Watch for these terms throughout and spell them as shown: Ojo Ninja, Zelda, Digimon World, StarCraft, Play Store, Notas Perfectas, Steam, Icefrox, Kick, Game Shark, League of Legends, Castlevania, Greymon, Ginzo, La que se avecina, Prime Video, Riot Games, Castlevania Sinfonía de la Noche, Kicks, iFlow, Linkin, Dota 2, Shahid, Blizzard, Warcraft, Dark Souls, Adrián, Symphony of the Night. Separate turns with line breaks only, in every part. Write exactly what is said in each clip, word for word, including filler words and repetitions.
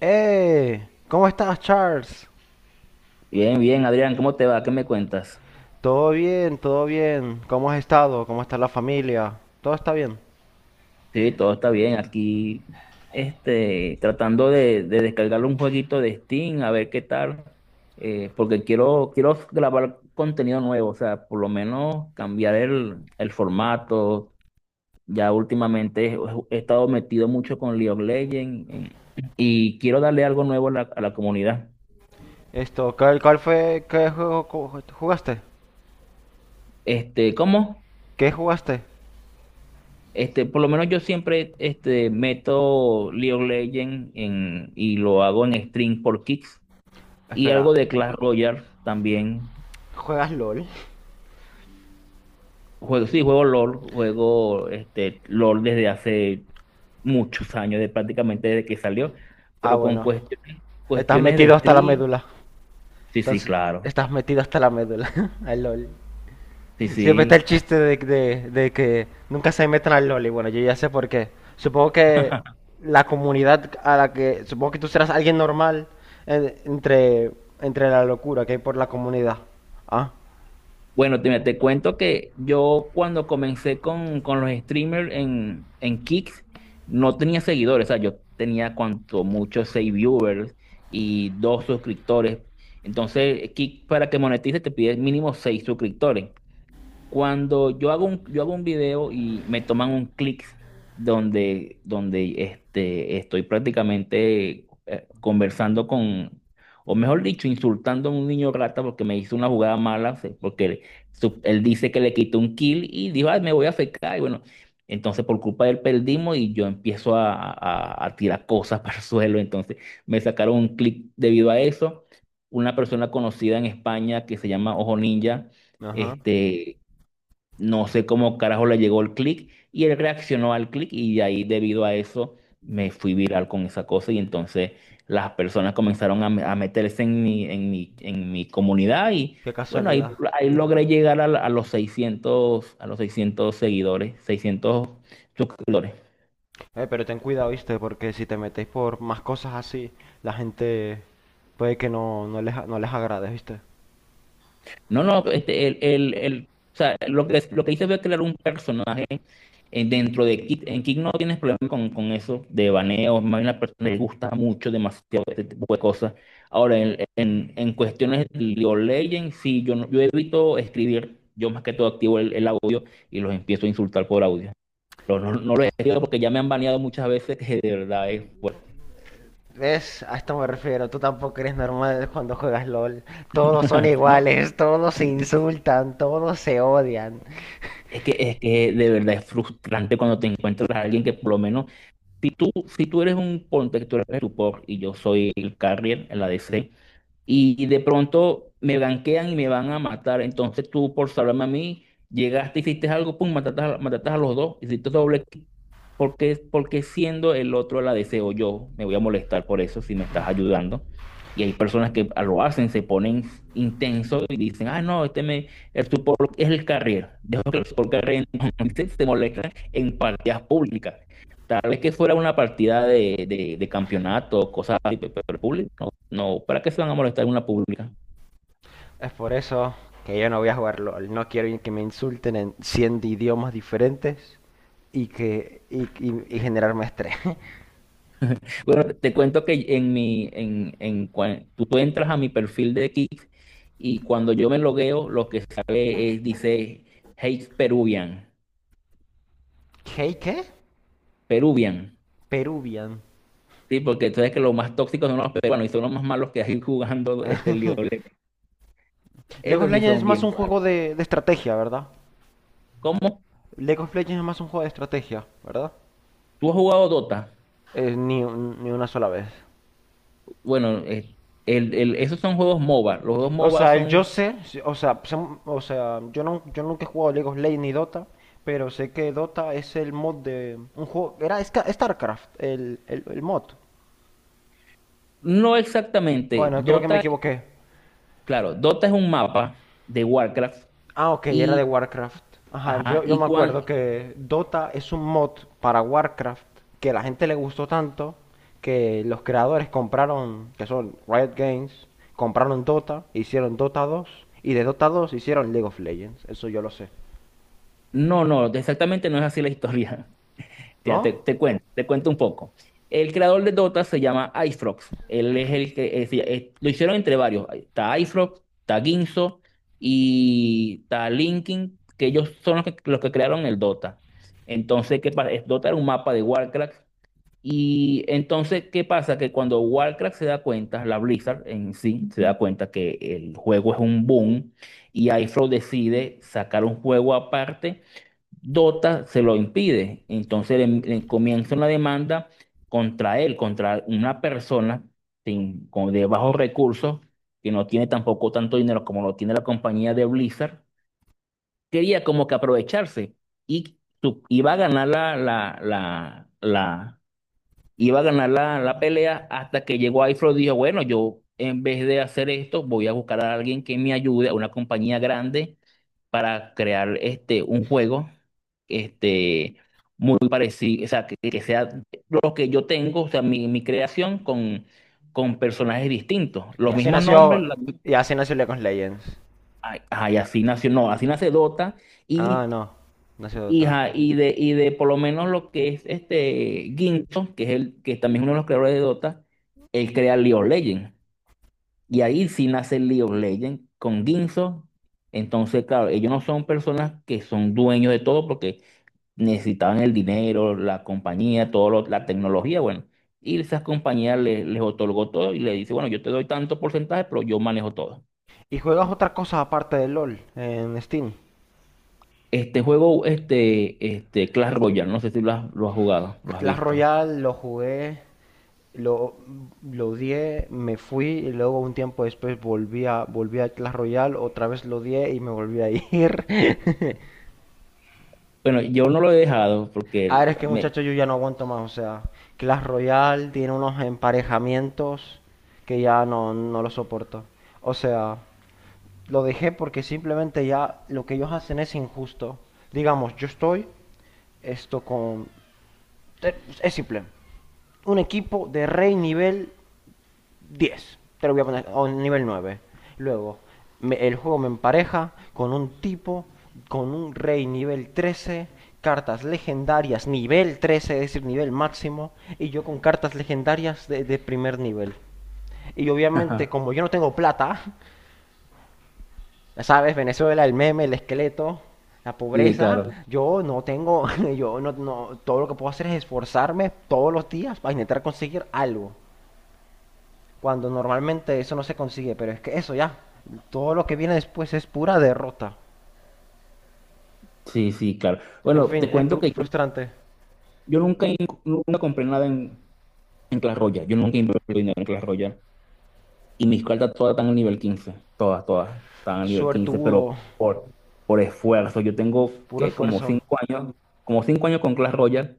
¡Eh! ¿Cómo estás, Charles?
Bien, bien, Adrián, ¿cómo te va? ¿Qué me cuentas?
Todo bien, todo bien. ¿Cómo has estado? ¿Cómo está la familia? Todo está bien.
Sí, todo está bien. Aquí, este, tratando de, de descargar un jueguito de Steam, a ver qué tal, eh, porque quiero, quiero grabar contenido nuevo, o sea, por lo menos cambiar el, el formato. Ya últimamente he, he estado metido mucho con League of Legends eh, y quiero darle algo nuevo a la, a la comunidad.
Esto, ¿cuál, cuál fue? ¿Qué juego co- jugaste?
Este, ¿cómo?
¿Qué jugaste?
Este, por lo menos yo siempre este, meto League of Legends en, y lo hago en stream por Kicks. Y
Espera,
algo de Clash Royale también.
¿juegas LOL?
Juego, sí, juego LOL, juego este, LOL desde hace muchos años, de, prácticamente desde que salió,
Ah,
pero con
bueno.
cuestiones,
Estás
cuestiones de
metido hasta la
stream.
médula.
Sí, sí,
Entonces,
claro.
estás metido hasta la médula. Al LOL.
Sí,
Siempre está el
sí.
chiste de, de- de que nunca se metan al LOL y bueno, yo ya sé por qué. Supongo que la comunidad a la que. Supongo que tú serás alguien normal en- entre, entre la locura que hay por la comunidad. Ah,
Bueno, te, mira, te cuento que yo cuando comencé con, con los streamers en, en Kick, no tenía seguidores, o sea, yo tenía cuanto mucho seis viewers y dos suscriptores. Entonces, Kick para que monetice te pide mínimo seis suscriptores. Cuando yo hago un, yo hago un video y me toman un clic donde, donde este, estoy prácticamente eh, conversando con, o mejor dicho, insultando a un niño rata porque me hizo una jugada mala, se- porque él, su- él dice que le quitó un kill y dijo, "Ay, me voy a fecar. Y bueno, entonces por culpa de él perdimos y yo empiezo a, a- a tirar cosas para el suelo. Entonces me sacaron un clic debido a eso. Una persona conocida en España que se llama Ojo Ninja.
ajá.
Este, no sé cómo carajo le llegó el clic y él reaccionó al clic y de ahí debido a eso me fui viral con esa cosa y entonces las personas comenzaron a, me- a meterse en mi, en mi, en mi comunidad y
Qué
bueno, ahí,
casualidad.
ahí logré llegar a, la- a los seiscientos a los seiscientos seguidores, seiscientos suscriptores.
Eh, pero ten cuidado, ¿viste? Porque si te metéis por más cosas así, la gente puede que no, no les, no les agrade, ¿viste?
No, no, este, el, el, el- o sea, lo que, lo que hice fue crear un personaje en- dentro de Kick, en Kick no tienes problema con, con eso de baneo, más bien a la persona le gusta mucho demasiado este tipo de cosas. Ahora, en, en, en cuestiones de League of Legends, sí, yo, no- yo evito escribir, yo más que todo activo el, el audio y los empiezo a insultar por audio. Pero no, no lo he escrito porque ya me han baneado muchas veces que de verdad es fuerte.
¿Ves? A esto me refiero. Tú tampoco eres normal cuando juegas LOL. Todos son
No,
iguales, todos se insultan, todos se odian.
es que, es que de verdad es frustrante cuando te encuentras a alguien que por lo menos, si tú, si tú eres un ponte, que tú eres el support y yo soy el carrier en la D C, y de pronto me ganquean y me van a matar. Entonces tú, por salvarme a mí, llegaste, hiciste algo, pum, mataste a, mataste a los dos, hiciste doble clic. Porque, porque siendo el otro la deseo yo, me voy a molestar por eso si me estás ayudando. Y hay personas que lo hacen, se ponen intensos y dicen, ah, no, este me, el support es el carrier. Dejo que el support carrier se se molesta en partidas públicas. Tal vez que fuera una partida de, de, de campeonato, cosas así, pe- pero público, no, ¿para qué se van a molestar en una pública?
Es por eso que yo no voy a jugar LOL. No quiero que me insulten en cien idiomas diferentes y que y, y- y generarme estrés.
Bueno, te cuento que en mi, en, en, cua- tú, tú entras a mi perfil de Kick y cuando yo me logueo, lo que sale es, dice, hate Peruvian,
¿Qué? ¿Qué?
Peruvian,
Peruvian.
¿sí? Porque tú sabes que los más tóxicos son los peruanos y son los más malos que hay jugando este lío.
League of
Esos sí
Legends es
son
más un
bien malos.
juego de, de estrategia, ¿verdad?
¿Cómo?
League of Legends es más un juego de estrategia, ¿verdad?
¿Tú has jugado Dota?
Eh, ni, un- ni una sola vez.
Bueno, eh, el- el- esos son juegos MOBA. Los juegos
O
MOBA
sea, el yo
son,
sé, sí, o sea, son- o sea, yo no, yo nunca he jugado League of Legends ni Dota, pero sé que Dota es el mod de un juego, era Ska- StarCraft, el, el, el mod.
no exactamente,
Bueno, creo que me
Dota,
equivoqué.
claro, Dota es un mapa de Warcraft.
Ah, ok, era de
Y,
Warcraft. Ajá,
ajá,
yo, yo
y
me
cuando...
acuerdo que Dota es un mod para Warcraft que a la gente le gustó tanto que los creadores compraron, que son Riot Games, compraron Dota, hicieron Dota dos y de Dota dos hicieron League of Legends. Eso yo lo sé.
No, no, exactamente no es así la historia. Te, te,
¿No?
te cuento, te cuento un poco. El creador de Dota se llama Icefrox. Él es el que... es- es- lo hicieron entre varios. Está Icefrox, está Ginzo y está Linkin, que ellos son los que, los que crearon el Dota. Entonces, que para, Dota era un mapa de Warcraft. Y entonces, ¿qué pasa? Que cuando Warcraft se da cuenta, la Blizzard en sí se da cuenta que el juego es un boom y iFlow decide sacar un juego aparte, Dota se lo impide. Entonces le, le comienza una demanda contra él, contra una persona sin- con, de bajos recursos, que no tiene tampoco tanto dinero como lo tiene la compañía de Blizzard. Quería como que aprovecharse y tu- iba a ganar la, la, la, la, iba a ganar la, la pelea hasta que llegó iFlow y dijo, bueno, yo en vez de hacer esto, voy a buscar a alguien que me ayude, a una compañía grande, para crear este, un juego este, muy parecido, o sea, que, que sea lo que yo tengo, o sea, mi, mi creación con, con personajes distintos,
Y
los
así
mismos nombres,
nació.
la-
Y así nació League of Legends.
ay, ay, así nació, no, así nace Dota
Ah,
y...
no. Nació
Y,
Dota.
ajá, y de, y de por lo menos lo que es este Ginto, que es el que también es uno de los creadores de Dota, él crea League of Legends. Y ahí sí nace League of Legends con Ginzo. Entonces, claro, ellos no son personas que son dueños de todo porque necesitaban el dinero, la compañía, todo lo- la tecnología, bueno. Y esas compañías le- les otorgó todo y le dice, bueno, yo te doy tanto porcentaje, pero yo manejo todo.
¿Y juegas otra cosa aparte de LOL en Steam?
Este juego, este, este Clash Royale, no sé si lo has, lo has jugado, lo has
Clash
visto.
Royale lo jugué, lo, lo odié, me fui y luego un tiempo después volví a, volví a Clash Royale, otra vez lo odié y me volví a ir.
Bueno, yo no lo he dejado
A
porque
ver, es que
me...
muchachos yo ya no aguanto más, o sea, Clash Royale tiene unos emparejamientos que ya no, no lo soporto. O sea, lo dejé porque simplemente ya lo que ellos hacen es injusto. Digamos, yo estoy esto con. Es simple. Un equipo de rey nivel diez. Te lo voy a poner. O nivel nueve. Luego, me- el juego me empareja con un tipo, con un rey nivel trece. Cartas legendarias nivel trece, es decir, nivel máximo. Y yo con cartas legendarias de, de primer nivel. Y obviamente,
Ajá,
como yo no tengo plata, ya sabes, Venezuela, el meme, el esqueleto, la
sí,
pobreza.
claro.
Yo no tengo, yo no, no, todo lo que puedo hacer es esforzarme todos los días para intentar conseguir algo. Cuando normalmente eso no se consigue, pero es que eso ya, todo lo que viene después es pura derrota.
Sí, sí, claro.
En
Bueno,
fin,
te
es
cuento
pru-
que yo,
frustrante,
yo nunca, in- nunca compré nada en, en Clash Royale. Yo nunca invertí dinero en Clash Royale. Y mis cartas todas están al nivel quince, todas, todas están al nivel quince, pero
suertudo,
por, por esfuerzo. Yo tengo,
puro
¿qué? Como
esfuerzo.
cinco años, como cinco años con Clash Royale.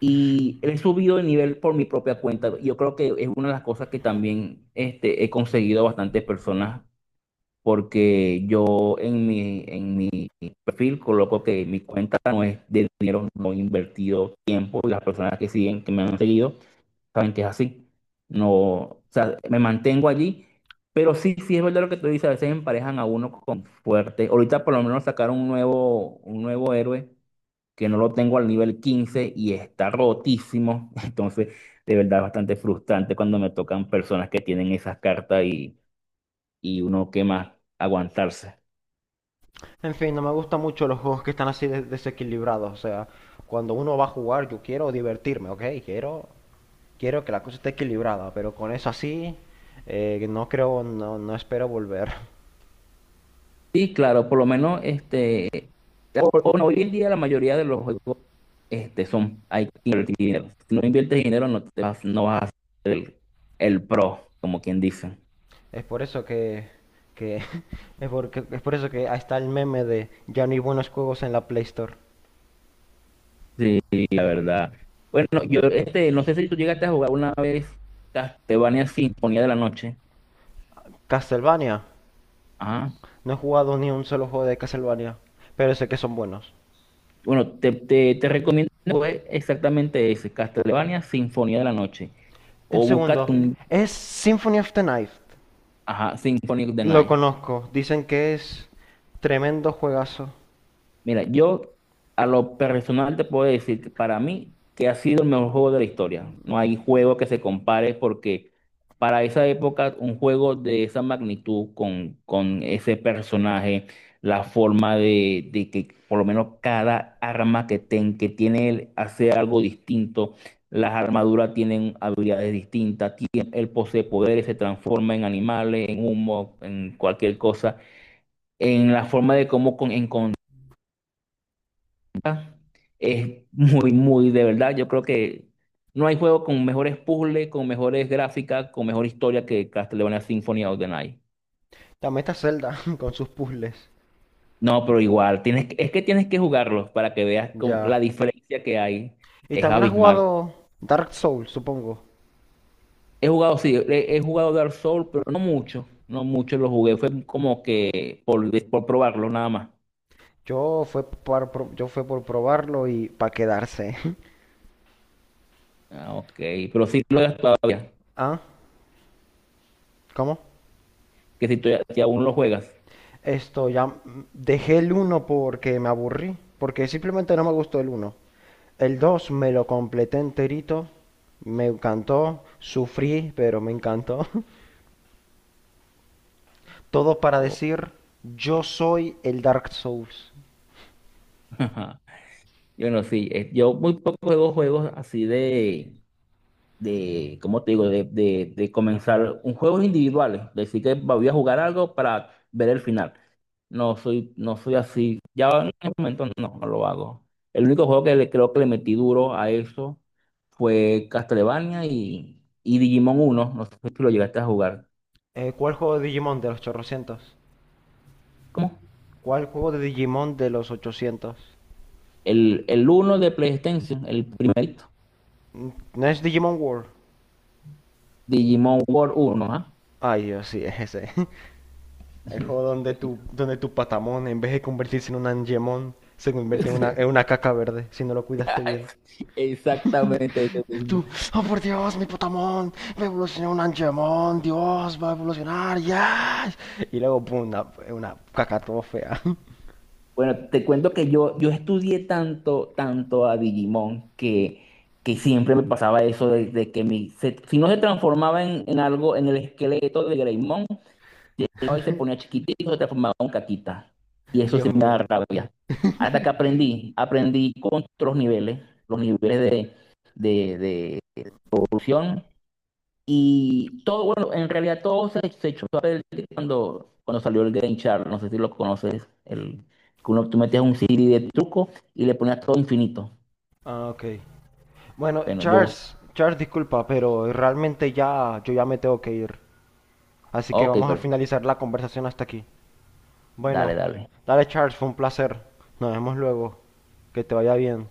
Y he subido de nivel por mi propia cuenta. Yo creo que es una de las cosas que también este, he conseguido a bastantes personas porque yo en mi, en mi perfil coloco que mi cuenta no es de dinero no invertido tiempo y las personas que siguen, que me han seguido, saben que es así. No, o sea, me mantengo allí, pero sí, sí es verdad lo que tú dices, a veces emparejan a uno con fuerte. Ahorita por lo menos sacaron un nuevo, un nuevo héroe que no lo tengo al nivel quince y está rotísimo. Entonces, de verdad es bastante frustrante cuando me tocan personas que tienen esas cartas y, y uno que más aguantarse.
En fin, no me gustan mucho los juegos que están así de- desequilibrados. O sea, cuando uno va a jugar, yo quiero divertirme, ¿ok? Quiero Quiero que la cosa esté equilibrada, pero con eso así, eh, no creo, no, no espero volver.
Sí, claro, por lo menos este, o- o no, hoy en día la mayoría de los juegos este, son, hay que invertir dinero. Si no inviertes dinero, no, te vas, no vas a ser el, el pro, como quien dice.
Es por eso que, que es, porque, es por eso que ahí está el meme de ya no hay buenos juegos en la Play Store.
Sí, sí, la verdad. Bueno, yo este, no sé si tú llegaste a jugar una vez Castlevania Sinfonía de la Noche.
Castlevania.
Ajá.
No he jugado ni un solo juego de Castlevania, pero sé que son buenos.
Bueno, te, te, te recomiendo jugar exactamente ese, Castlevania Sinfonía de la Noche.
En
O búscate
segundo,
un,
es Symphony of the Night.
ajá, Symphony of the
Lo
Night.
conozco, dicen que es tremendo juegazo.
Mira, yo a lo personal te puedo decir que para mí que ha sido el mejor juego de la historia. No hay juego que se compare porque para esa época un juego de esa magnitud con, con ese personaje, la forma de, de que por lo menos cada arma que, ten, que tiene él hace algo distinto, las armaduras tienen habilidades distintas, tie- él posee poderes, se transforma en animales, en humo, en cualquier cosa en la forma de cómo con- es muy, muy de verdad. Yo creo que no hay juego con mejores puzzles, con mejores gráficas, con mejor historia que Castlevania Symphony of the Night.
También está Zelda con sus puzzles.
No, pero igual, tienes, que- es que tienes que jugarlos para que veas como la
Ya.
diferencia que hay.
Y
Es
también has
abismal.
jugado Dark Souls, supongo.
He jugado, sí, he, he jugado Dark Souls, pero no mucho. No mucho lo jugué. Fue como que por, por probarlo nada más.
Yo fue por, pro- yo fue por probarlo y para quedarse.
Ah, ok. Pero sí lo juegas todavía.
¿Ah? ¿Cómo?
Que si, tú- si aún lo juegas.
Esto ya mm, dejé el uno porque me aburrí, porque simplemente no me gustó el uno. El dos me lo completé enterito, me encantó, sufrí, pero me encantó. Todo para
Oh.
decir, yo soy el Dark Souls.
Bueno, sí, eh, yo muy poco juego juegos así de, de, ¿cómo te digo? De, de, de comenzar un juego individual, decir que voy a jugar algo para ver el final. No soy, no soy así. Ya en el momento no, no lo hago. El único juego que le, creo que le metí duro a eso fue Castlevania y, y Digimon uno. No sé si lo llegaste a jugar.
Eh, ¿cuál juego de Digimon de los ochocientos?
¿Cómo?
¿Cuál juego de Digimon de los ochocientos?
El, el uno de PlayStation, el primerito.
Mm, ¿No es Digimon World?
Digimon World uno. ¿Ah?
Ay, Dios, sí, es ese. El juego donde tu, donde tu patamón, en vez de convertirse en un angemón, se convierte en una, en una caca verde, si no lo cuidaste bien.
Exactamente ese mismo.
Tú, oh por Dios, mi patamón, va a evolucionar un angemón, Dios, va a evolucionar, ya. Y luego, pum, una, una caca todo fea.
Bueno, te cuento que yo, yo estudié tanto, tanto a Digimon que, que siempre me pasaba eso de, de que mi, se- si no se transformaba en, en algo, en el esqueleto de Greymon, llegaba y se ponía chiquitito, se transformaba en caquita. Y eso
Dios
sí me da
mío.
rabia. Hasta que aprendí, aprendí con otros niveles, los niveles de, de, de evolución. Y todo, bueno, en realidad todo se, se echó a perder cuando, cuando salió el Game Shark, no sé si lo conoces, el, que uno, tú metías un C D de truco y le ponías todo infinito.
Ah, ok. Bueno,
Bueno, yo,
Charles, Charles, disculpa, pero realmente ya, yo ya me tengo que ir. Así que
ok,
vamos a
perfecto,
finalizar la conversación hasta aquí.
dale,
Bueno,
dale.
dale Charles, fue un placer. Nos vemos luego. Que te vaya bien.